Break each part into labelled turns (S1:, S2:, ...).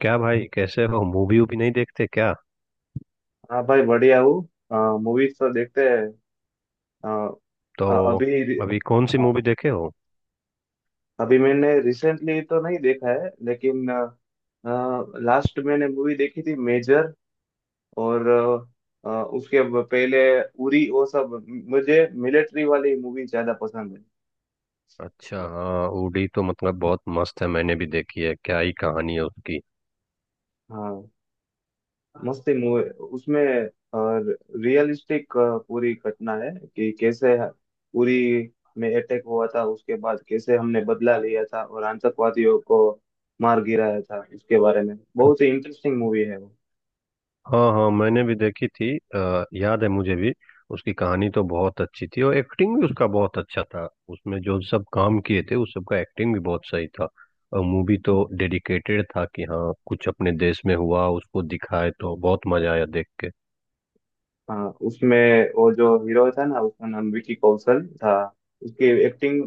S1: क्या भाई, कैसे हो? मूवी वूवी नहीं देखते क्या?
S2: हाँ भाई, बढ़िया हूँ। मूवीज तो देखते हैं। अ,
S1: तो
S2: अ- अभी रि-
S1: अभी कौन सी
S2: हाँ,
S1: मूवी देखे हो?
S2: अभी मैंने रिसेंटली तो नहीं देखा है, लेकिन लास्ट मैंने मूवी देखी थी मेजर। और पहले उरी वो सब। मुझे मिलिट्री वाली मूवी ज्यादा पसंद है।
S1: अच्छा हाँ, उड़ी तो मतलब बहुत मस्त है। मैंने भी देखी है। क्या ही कहानी है उसकी।
S2: हाँ, मस्त ही मूवी। उसमें रियलिस्टिक पूरी घटना है कि कैसे पूरी में अटैक हुआ था, उसके बाद कैसे हमने बदला लिया था और आतंकवादियों को मार गिराया था। उसके बारे में बहुत ही इंटरेस्टिंग मूवी है वो।
S1: हाँ हाँ, मैंने भी देखी थी। याद है मुझे भी। उसकी कहानी तो बहुत अच्छी थी और एक्टिंग भी उसका बहुत अच्छा था। उसमें जो सब काम किए थे, उस सब का एक्टिंग भी बहुत सही था। और मूवी तो डेडिकेटेड था कि हाँ, कुछ अपने देश में हुआ उसको दिखाए, तो बहुत मजा आया देख के।
S2: हाँ, उसमें वो जो हीरो था ना, उसका नाम विकी कौशल था। उसकी एक्टिंग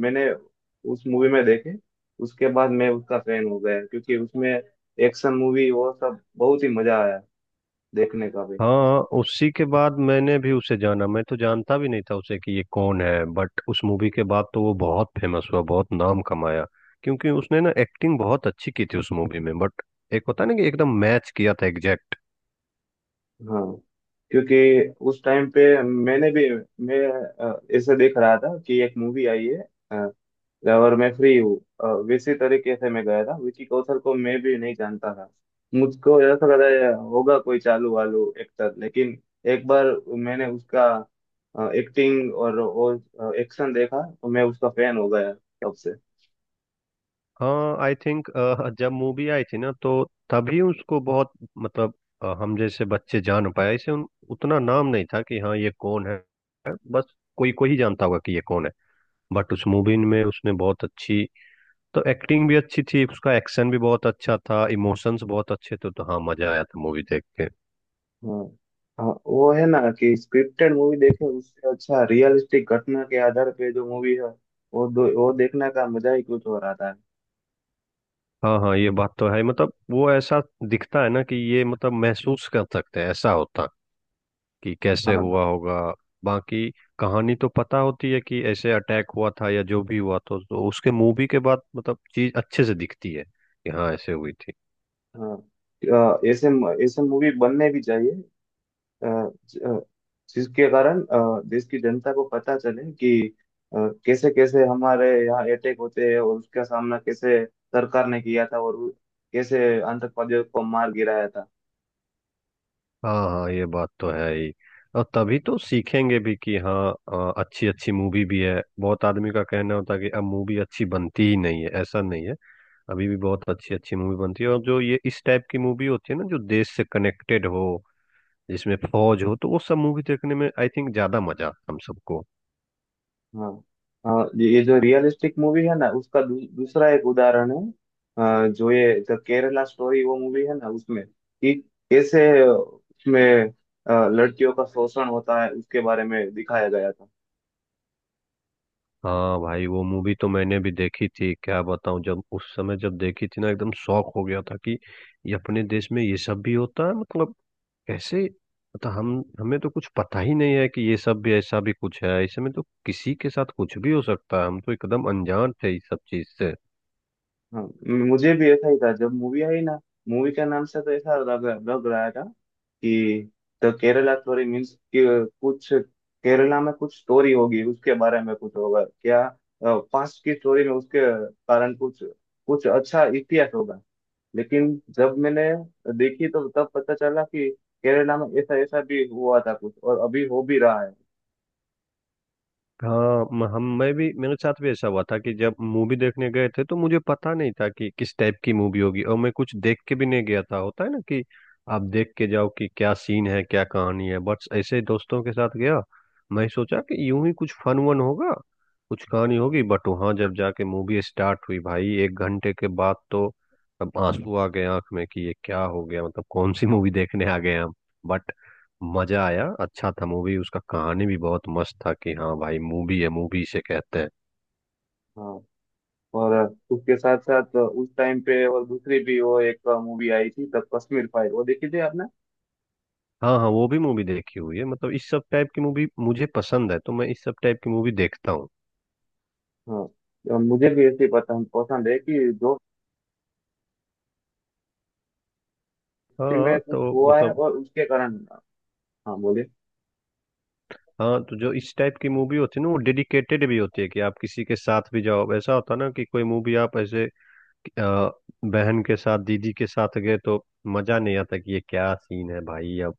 S2: मैंने उस मूवी में देखी। उसके बाद मैं उसका फैन हो गया, क्योंकि उसमें एक्शन मूवी वो सब बहुत ही मजा आया देखने का भी।
S1: हाँ, उसी के बाद मैंने भी उसे जाना। मैं तो जानता भी नहीं था उसे कि ये कौन है, बट उस मूवी के बाद तो वो बहुत फेमस हुआ, बहुत नाम कमाया। क्योंकि उसने ना एक्टिंग बहुत अच्छी की थी उस मूवी में। बट एक होता है ना कि एकदम मैच किया था एग्जैक्ट।
S2: हाँ, क्योंकि उस टाइम पे मैंने भी मैं ऐसे देख रहा था कि एक मूवी आई है। अ, और मैं फ्री हूँ। वैसे तरीके से मैं गया था, विकी कौशल को मैं भी नहीं जानता था। मुझको ऐसा लगा ये होगा कोई चालू वालू एक्टर, लेकिन एक बार मैंने उसका एक्टिंग और वो एक्शन देखा तो मैं उसका फैन हो गया तब से।
S1: हाँ, आई थिंक जब मूवी आई थी ना, तो तभी उसको बहुत मतलब हम जैसे बच्चे जान पाए इसे। उतना नाम नहीं था कि हाँ ये कौन है। बस कोई कोई ही जानता होगा कि ये कौन है। बट उस मूवी में उसने बहुत अच्छी तो एक्टिंग भी अच्छी थी, उसका एक्शन भी बहुत अच्छा था, इमोशंस बहुत अच्छे थे। तो हाँ, मजा आया था मूवी देख के।
S2: हाँ हाँ, वो है ना कि स्क्रिप्टेड मूवी देखें, उससे अच्छा रियलिस्टिक घटना के आधार पे जो मूवी है वो वो देखने का मजा ही कुछ और आता है।
S1: हाँ हाँ, ये बात तो है। मतलब वो ऐसा दिखता है ना कि ये मतलब महसूस कर सकते हैं ऐसा होता कि कैसे
S2: हाँ
S1: हुआ
S2: हाँ।
S1: होगा। बाकी कहानी तो पता होती है कि ऐसे अटैक हुआ था या जो भी हुआ, तो उसके मूवी के बाद मतलब चीज अच्छे से दिखती है कि हाँ ऐसे हुई थी।
S2: हाँ ऐसे ऐसे मूवी बनने भी चाहिए। अ, ज- अ, जिसके कारण देश की जनता को पता चले कि कैसे कैसे हमारे यहाँ अटैक होते हैं और उसका सामना कैसे सरकार ने किया था और कैसे आतंकवादियों को मार गिराया था।
S1: हाँ हाँ, ये बात तो है ही। और तभी तो सीखेंगे भी कि हाँ, अच्छी अच्छी मूवी भी है। बहुत आदमी का कहना होता है कि अब मूवी अच्छी बनती ही नहीं है, ऐसा नहीं है। अभी भी बहुत अच्छी अच्छी मूवी बनती है। और जो ये इस टाइप की मूवी होती है ना, जो देश से कनेक्टेड हो, जिसमें फौज हो, तो वो सब मूवी देखने में आई थिंक ज्यादा मजा आता है हम सबको।
S2: हाँ। हाँ, ये जो रियलिस्टिक मूवी है ना, उसका दूसरा एक उदाहरण है। जो ये द केरला स्टोरी वो मूवी है ना, उसमें कि कैसे उसमें लड़कियों का शोषण होता है उसके बारे में दिखाया गया था।
S1: हाँ भाई, वो मूवी तो मैंने भी देखी थी। क्या बताऊं, जब उस समय जब देखी थी ना, एकदम शौक हो गया था कि ये अपने देश में ये सब भी होता है। मतलब कैसे, मतलब हम हमें तो कुछ पता ही नहीं है कि ये सब भी ऐसा भी कुछ है। इसमें तो किसी के साथ कुछ भी हो सकता है। हम तो एकदम अनजान थे इस सब चीज से।
S2: हाँ, मुझे भी ऐसा ही था जब मूवी आई ना। मूवी का नाम से तो ऐसा लग लग रहा था कि द केरला स्टोरी मीन्स कि कुछ केरला में कुछ स्टोरी होगी, उसके बारे में कुछ होगा क्या, पास्ट की स्टोरी में उसके कारण कुछ कुछ अच्छा इतिहास होगा। लेकिन जब मैंने देखी तो तब पता चला कि केरला में ऐसा ऐसा भी हुआ था कुछ और अभी हो भी रहा है।
S1: हाँ, म- हम मैं भी, मेरे साथ भी ऐसा हुआ था कि जब मूवी देखने गए थे तो मुझे पता नहीं था कि किस टाइप की मूवी होगी। और मैं कुछ देख के भी नहीं गया था। होता है ना कि आप देख के जाओ कि क्या सीन है, क्या कहानी है। बस ऐसे ही दोस्तों के साथ गया। मैं सोचा कि यूं ही कुछ फन वन होगा, कुछ कहानी होगी। बट वहां जब जाके मूवी स्टार्ट हुई, भाई एक घंटे के बाद तो अब आंसू आ गए आंख में कि ये क्या हो गया, मतलब कौन सी मूवी देखने आ गए हम। बट मजा आया, अच्छा था मूवी। उसका कहानी भी बहुत मस्त था कि हाँ भाई, मूवी है, मूवी से कहते हैं।
S2: हाँ, और उसके साथ साथ उस टाइम पे और दूसरी भी वो एक मूवी आई थी द कश्मीर फाइल, वो देखी थी आपने?
S1: हाँ हाँ, वो भी मूवी देखी हुई है। मतलब इस सब टाइप की मूवी मुझे पसंद है, तो मैं इस सब टाइप की मूवी देखता हूँ।
S2: हाँ, और मुझे भी ऐसी पसंद पसंद है कि दोस्ती में
S1: हाँ
S2: कुछ
S1: तो
S2: हुआ है
S1: मतलब,
S2: और उसके कारण। हाँ बोलिए।
S1: हाँ तो जो इस टाइप की मूवी होती है ना, वो डेडिकेटेड भी होती है कि आप किसी के साथ भी जाओ। ऐसा होता ना कि कोई मूवी आप ऐसे अ, बहन के साथ, दीदी के साथ गए तो मजा नहीं आता कि ये क्या सीन है भाई, या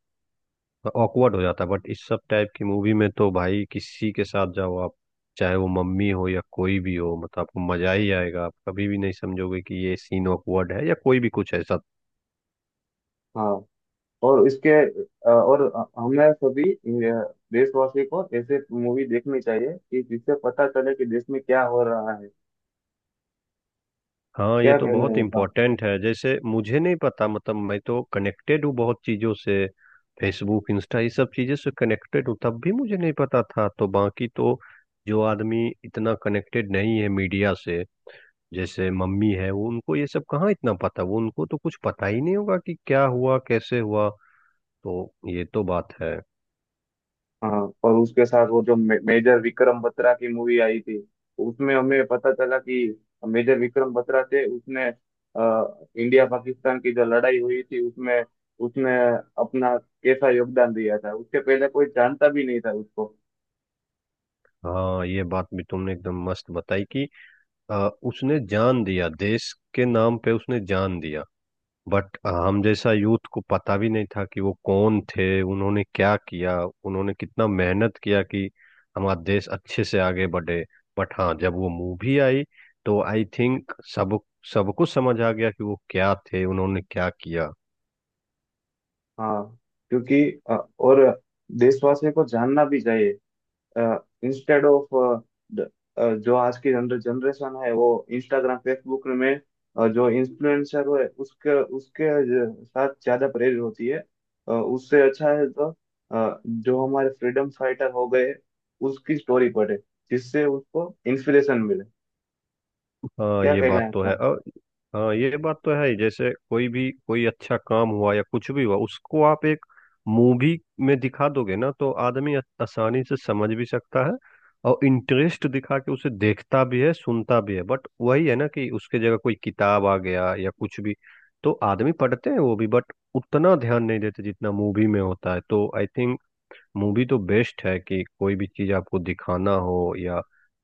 S1: ऑकवर्ड हो जाता है। बट इस सब टाइप की मूवी में तो भाई किसी के साथ जाओ आप, चाहे वो मम्मी हो या कोई भी हो, मतलब आपको मजा ही आएगा। आप कभी भी नहीं समझोगे कि ये सीन ऑकवर्ड है या कोई भी कुछ ऐसा।
S2: हाँ, और इसके और हमें सभी देशवासी को ऐसे मूवी देखनी चाहिए, कि जिससे पता चले कि देश में क्या हो रहा है।
S1: हाँ, ये
S2: क्या
S1: तो
S2: कहना
S1: बहुत
S2: है आपका?
S1: इम्पोर्टेंट है। जैसे मुझे नहीं पता, मतलब मैं तो कनेक्टेड हूँ बहुत चीज़ों से, फेसबुक, इंस्टा, ये सब चीज़ों से कनेक्टेड हूँ, तब भी मुझे नहीं पता था। तो बाकी तो जो आदमी इतना कनेक्टेड नहीं है मीडिया से, जैसे मम्मी है, वो उनको ये सब कहाँ इतना पता। वो उनको तो कुछ पता ही नहीं होगा कि क्या हुआ, कैसे हुआ। तो ये तो बात है।
S2: हाँ, और उसके साथ वो जो मेजर विक्रम बत्रा की मूवी आई थी, उसमें हमें पता चला कि मेजर विक्रम बत्रा थे, उसने इंडिया पाकिस्तान की जो लड़ाई हुई थी उसमें उसने अपना कैसा योगदान दिया था, उसके पहले कोई जानता भी नहीं था उसको।
S1: हाँ, ये बात भी तुमने एकदम मस्त बताई कि उसने जान दिया देश के नाम पे, उसने जान दिया। बट हम जैसा यूथ को पता भी नहीं था कि वो कौन थे, उन्होंने क्या किया, उन्होंने कितना मेहनत किया कि हमारा देश अच्छे से आगे बढ़े। बट हाँ, जब वो मूवी आई तो आई थिंक सब सबको समझ आ गया कि वो क्या थे, उन्होंने क्या किया।
S2: हाँ, क्योंकि अ, और देशवासियों को जानना भी चाहिए। इंस्टेड ऑफ द जो आज की जनरेशन है वो इंस्टाग्राम फेसबुक में जो इन्फ्लुएंसर है उसके उसके साथ ज्यादा प्रेरित होती है। उससे अच्छा है तो जो हमारे फ्रीडम फाइटर हो गए उसकी स्टोरी पढ़े, जिससे उसको इंस्पिरेशन मिले।
S1: हाँ
S2: क्या
S1: ये
S2: कहना
S1: बात
S2: है
S1: तो
S2: आपका?
S1: है। और हाँ, ये बात तो है ही। जैसे कोई भी, कोई अच्छा काम हुआ या कुछ भी हुआ, उसको आप एक मूवी में दिखा दोगे ना, तो आदमी आसानी से समझ भी सकता है और इंटरेस्ट दिखा के उसे देखता भी है, सुनता भी है। बट वही है ना कि उसके जगह कोई किताब आ गया या कुछ भी, तो आदमी पढ़ते हैं वो भी, बट उतना ध्यान नहीं देते जितना मूवी में होता है। तो आई थिंक मूवी तो बेस्ट है कि कोई भी चीज आपको दिखाना हो या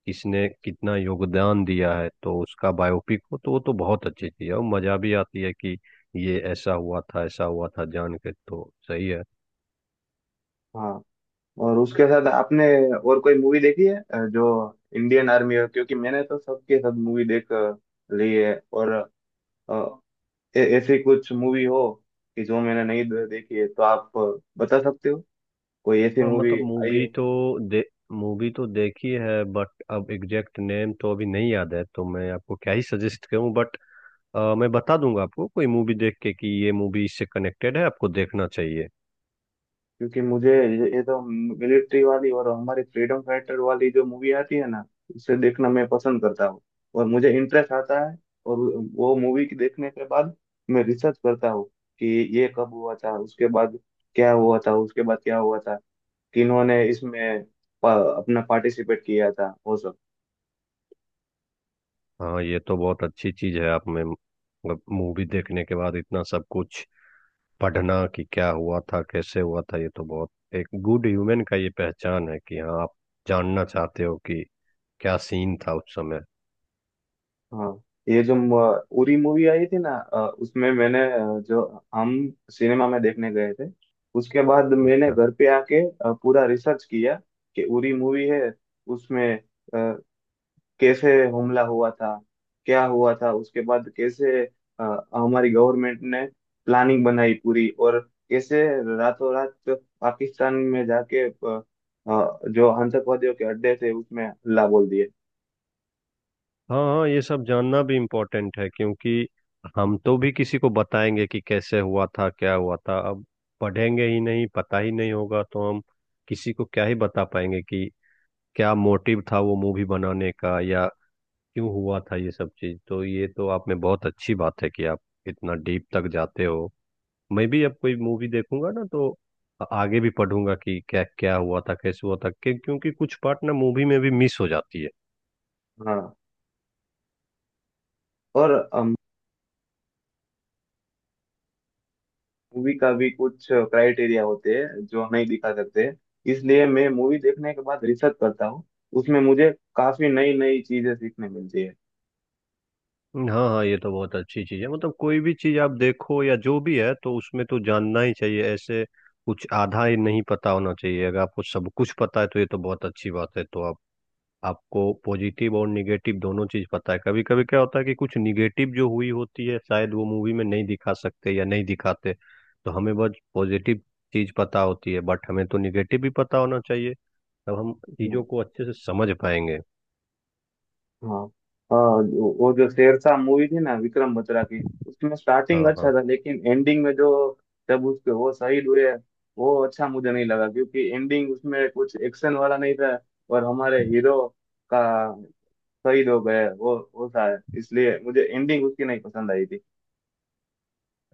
S1: किसने कितना योगदान दिया है तो उसका बायोपिक हो, तो वो तो बहुत अच्छी चीज है। और मजा भी आती है कि ये ऐसा हुआ था, ऐसा हुआ था जान के तो सही है।
S2: हाँ, और उसके साथ आपने और कोई मूवी देखी है जो इंडियन आर्मी है, क्योंकि मैंने तो सबके सब मूवी ली है और uh, ऐसी कुछ मूवी हो कि जो मैंने नहीं देखी है, तो आप बता सकते हो कोई ऐसी
S1: हाँ
S2: मूवी
S1: मतलब,
S2: आई हो।
S1: दे मूवी तो देखी है, बट अब एग्जैक्ट नेम तो अभी नहीं याद है, तो मैं आपको क्या ही सजेस्ट करूं। बट मैं बता दूंगा आपको कोई मूवी देख के कि ये मूवी इससे कनेक्टेड है, आपको देखना चाहिए।
S2: क्योंकि मुझे ये तो मिलिट्री वाली और हमारी फ्रीडम फाइटर वाली जो मूवी आती है ना, उसे देखना मैं पसंद करता हूँ और मुझे इंटरेस्ट आता है। और वो मूवी की देखने के बाद मैं रिसर्च करता हूँ कि ये कब हुआ था, उसके बाद क्या हुआ था, उसके बाद क्या हुआ था, किन्होंने इसमें अपना पार्टिसिपेट किया था वो सब।
S1: हाँ, ये तो बहुत अच्छी चीज है आप में। मतलब मूवी देखने के बाद इतना सब कुछ पढ़ना कि क्या हुआ था, कैसे हुआ था, ये तो बहुत, एक गुड ह्यूमन का ये पहचान है कि हाँ आप जानना चाहते हो कि क्या सीन था उस समय।
S2: हाँ, ये जो उरी मूवी आई थी ना, उसमें मैंने जो हम सिनेमा में देखने गए थे, उसके बाद मैंने
S1: अच्छा।
S2: घर पे आके पूरा रिसर्च किया कि उरी मूवी है, उसमें अ, कैसे हमला हुआ था, क्या हुआ था उसके बाद कैसे अ, हमारी गवर्नमेंट ने प्लानिंग बनाई पूरी और कैसे रातों रात पाकिस्तान में जाके जो आतंकवादियों के अड्डे थे उसमें हल्ला बोल दिए।
S1: हाँ हाँ, ये सब जानना भी इम्पोर्टेंट है, क्योंकि हम तो भी किसी को बताएंगे कि कैसे हुआ था, क्या हुआ था। अब पढ़ेंगे ही नहीं, पता ही नहीं होगा, तो हम किसी को क्या ही बता पाएंगे कि क्या मोटिव था वो मूवी बनाने का या क्यों हुआ था ये सब चीज। तो ये तो आप में बहुत अच्छी बात है कि आप इतना डीप तक जाते हो। मैं भी अब कोई मूवी देखूंगा ना, तो आगे भी पढ़ूंगा कि क्या क्या हुआ था, कैसे हुआ था। क्योंकि कुछ पार्ट ना मूवी में भी मिस हो जाती है।
S2: हाँ, और मूवी का भी कुछ क्राइटेरिया होते हैं जो नहीं दिखा सकते, इसलिए मैं मूवी देखने के बाद रिसर्च करता हूँ। उसमें मुझे काफी नई नई चीजें सीखने मिलती है।
S1: हाँ हाँ, ये तो बहुत अच्छी चीज है। मतलब कोई भी चीज आप देखो या जो भी है, तो उसमें तो जानना ही चाहिए ऐसे। कुछ आधा ही नहीं पता होना चाहिए। अगर आपको सब कुछ पता है तो ये तो बहुत अच्छी बात है। तो आप आपको पॉजिटिव और निगेटिव दोनों चीज पता है। कभी कभी क्या होता है कि कुछ निगेटिव जो हुई होती है, शायद वो मूवी में नहीं दिखा सकते या नहीं दिखाते, तो हमें बस पॉजिटिव चीज पता होती है। बट हमें तो निगेटिव भी पता होना चाहिए, तब हम चीजों
S2: हम्म,
S1: को अच्छे से समझ पाएंगे।
S2: हाँ। हाँ वो जो शेरशाह मूवी थी ना विक्रम बत्रा की, उसमें स्टार्टिंग
S1: हाँ
S2: अच्छा
S1: हाँ।
S2: था लेकिन एंडिंग में जो जब उसके वो शहीद हुए, वो अच्छा मुझे नहीं लगा, क्योंकि एंडिंग उसमें कुछ एक्शन वाला नहीं था और हमारे हीरो का शहीद हो गए वो था, इसलिए मुझे एंडिंग उसकी नहीं पसंद आई थी।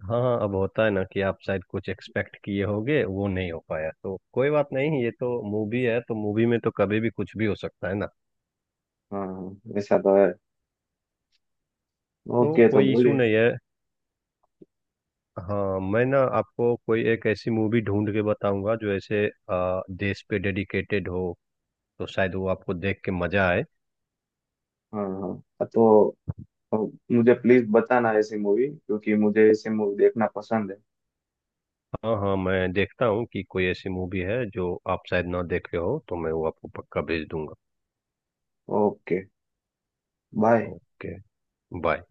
S1: हाँ हाँ, अब होता है ना कि आप शायद कुछ एक्सपेक्ट किए होगे, वो नहीं हो पाया, तो कोई बात नहीं। ये तो मूवी है, तो मूवी में तो कभी भी कुछ भी हो सकता है ना।
S2: हाँ हाँ, ऐसा तो है।
S1: तो
S2: ओके, तो
S1: कोई इशू
S2: बोलिए।
S1: नहीं है। हाँ मैं ना आपको कोई एक ऐसी मूवी ढूंढ के बताऊंगा जो ऐसे देश पे डेडिकेटेड हो, तो शायद वो आपको देख के मजा आए।
S2: हाँ हाँ। हाँ, तो मुझे प्लीज बताना ऐसी मूवी, क्योंकि मुझे ऐसी मूवी देखना पसंद है।
S1: हाँ हाँ, मैं देखता हूँ कि कोई ऐसी मूवी है जो आप शायद ना देखे हो, तो मैं वो आपको पक्का भेज दूंगा।
S2: ओके। बाय।
S1: ओके। बाय।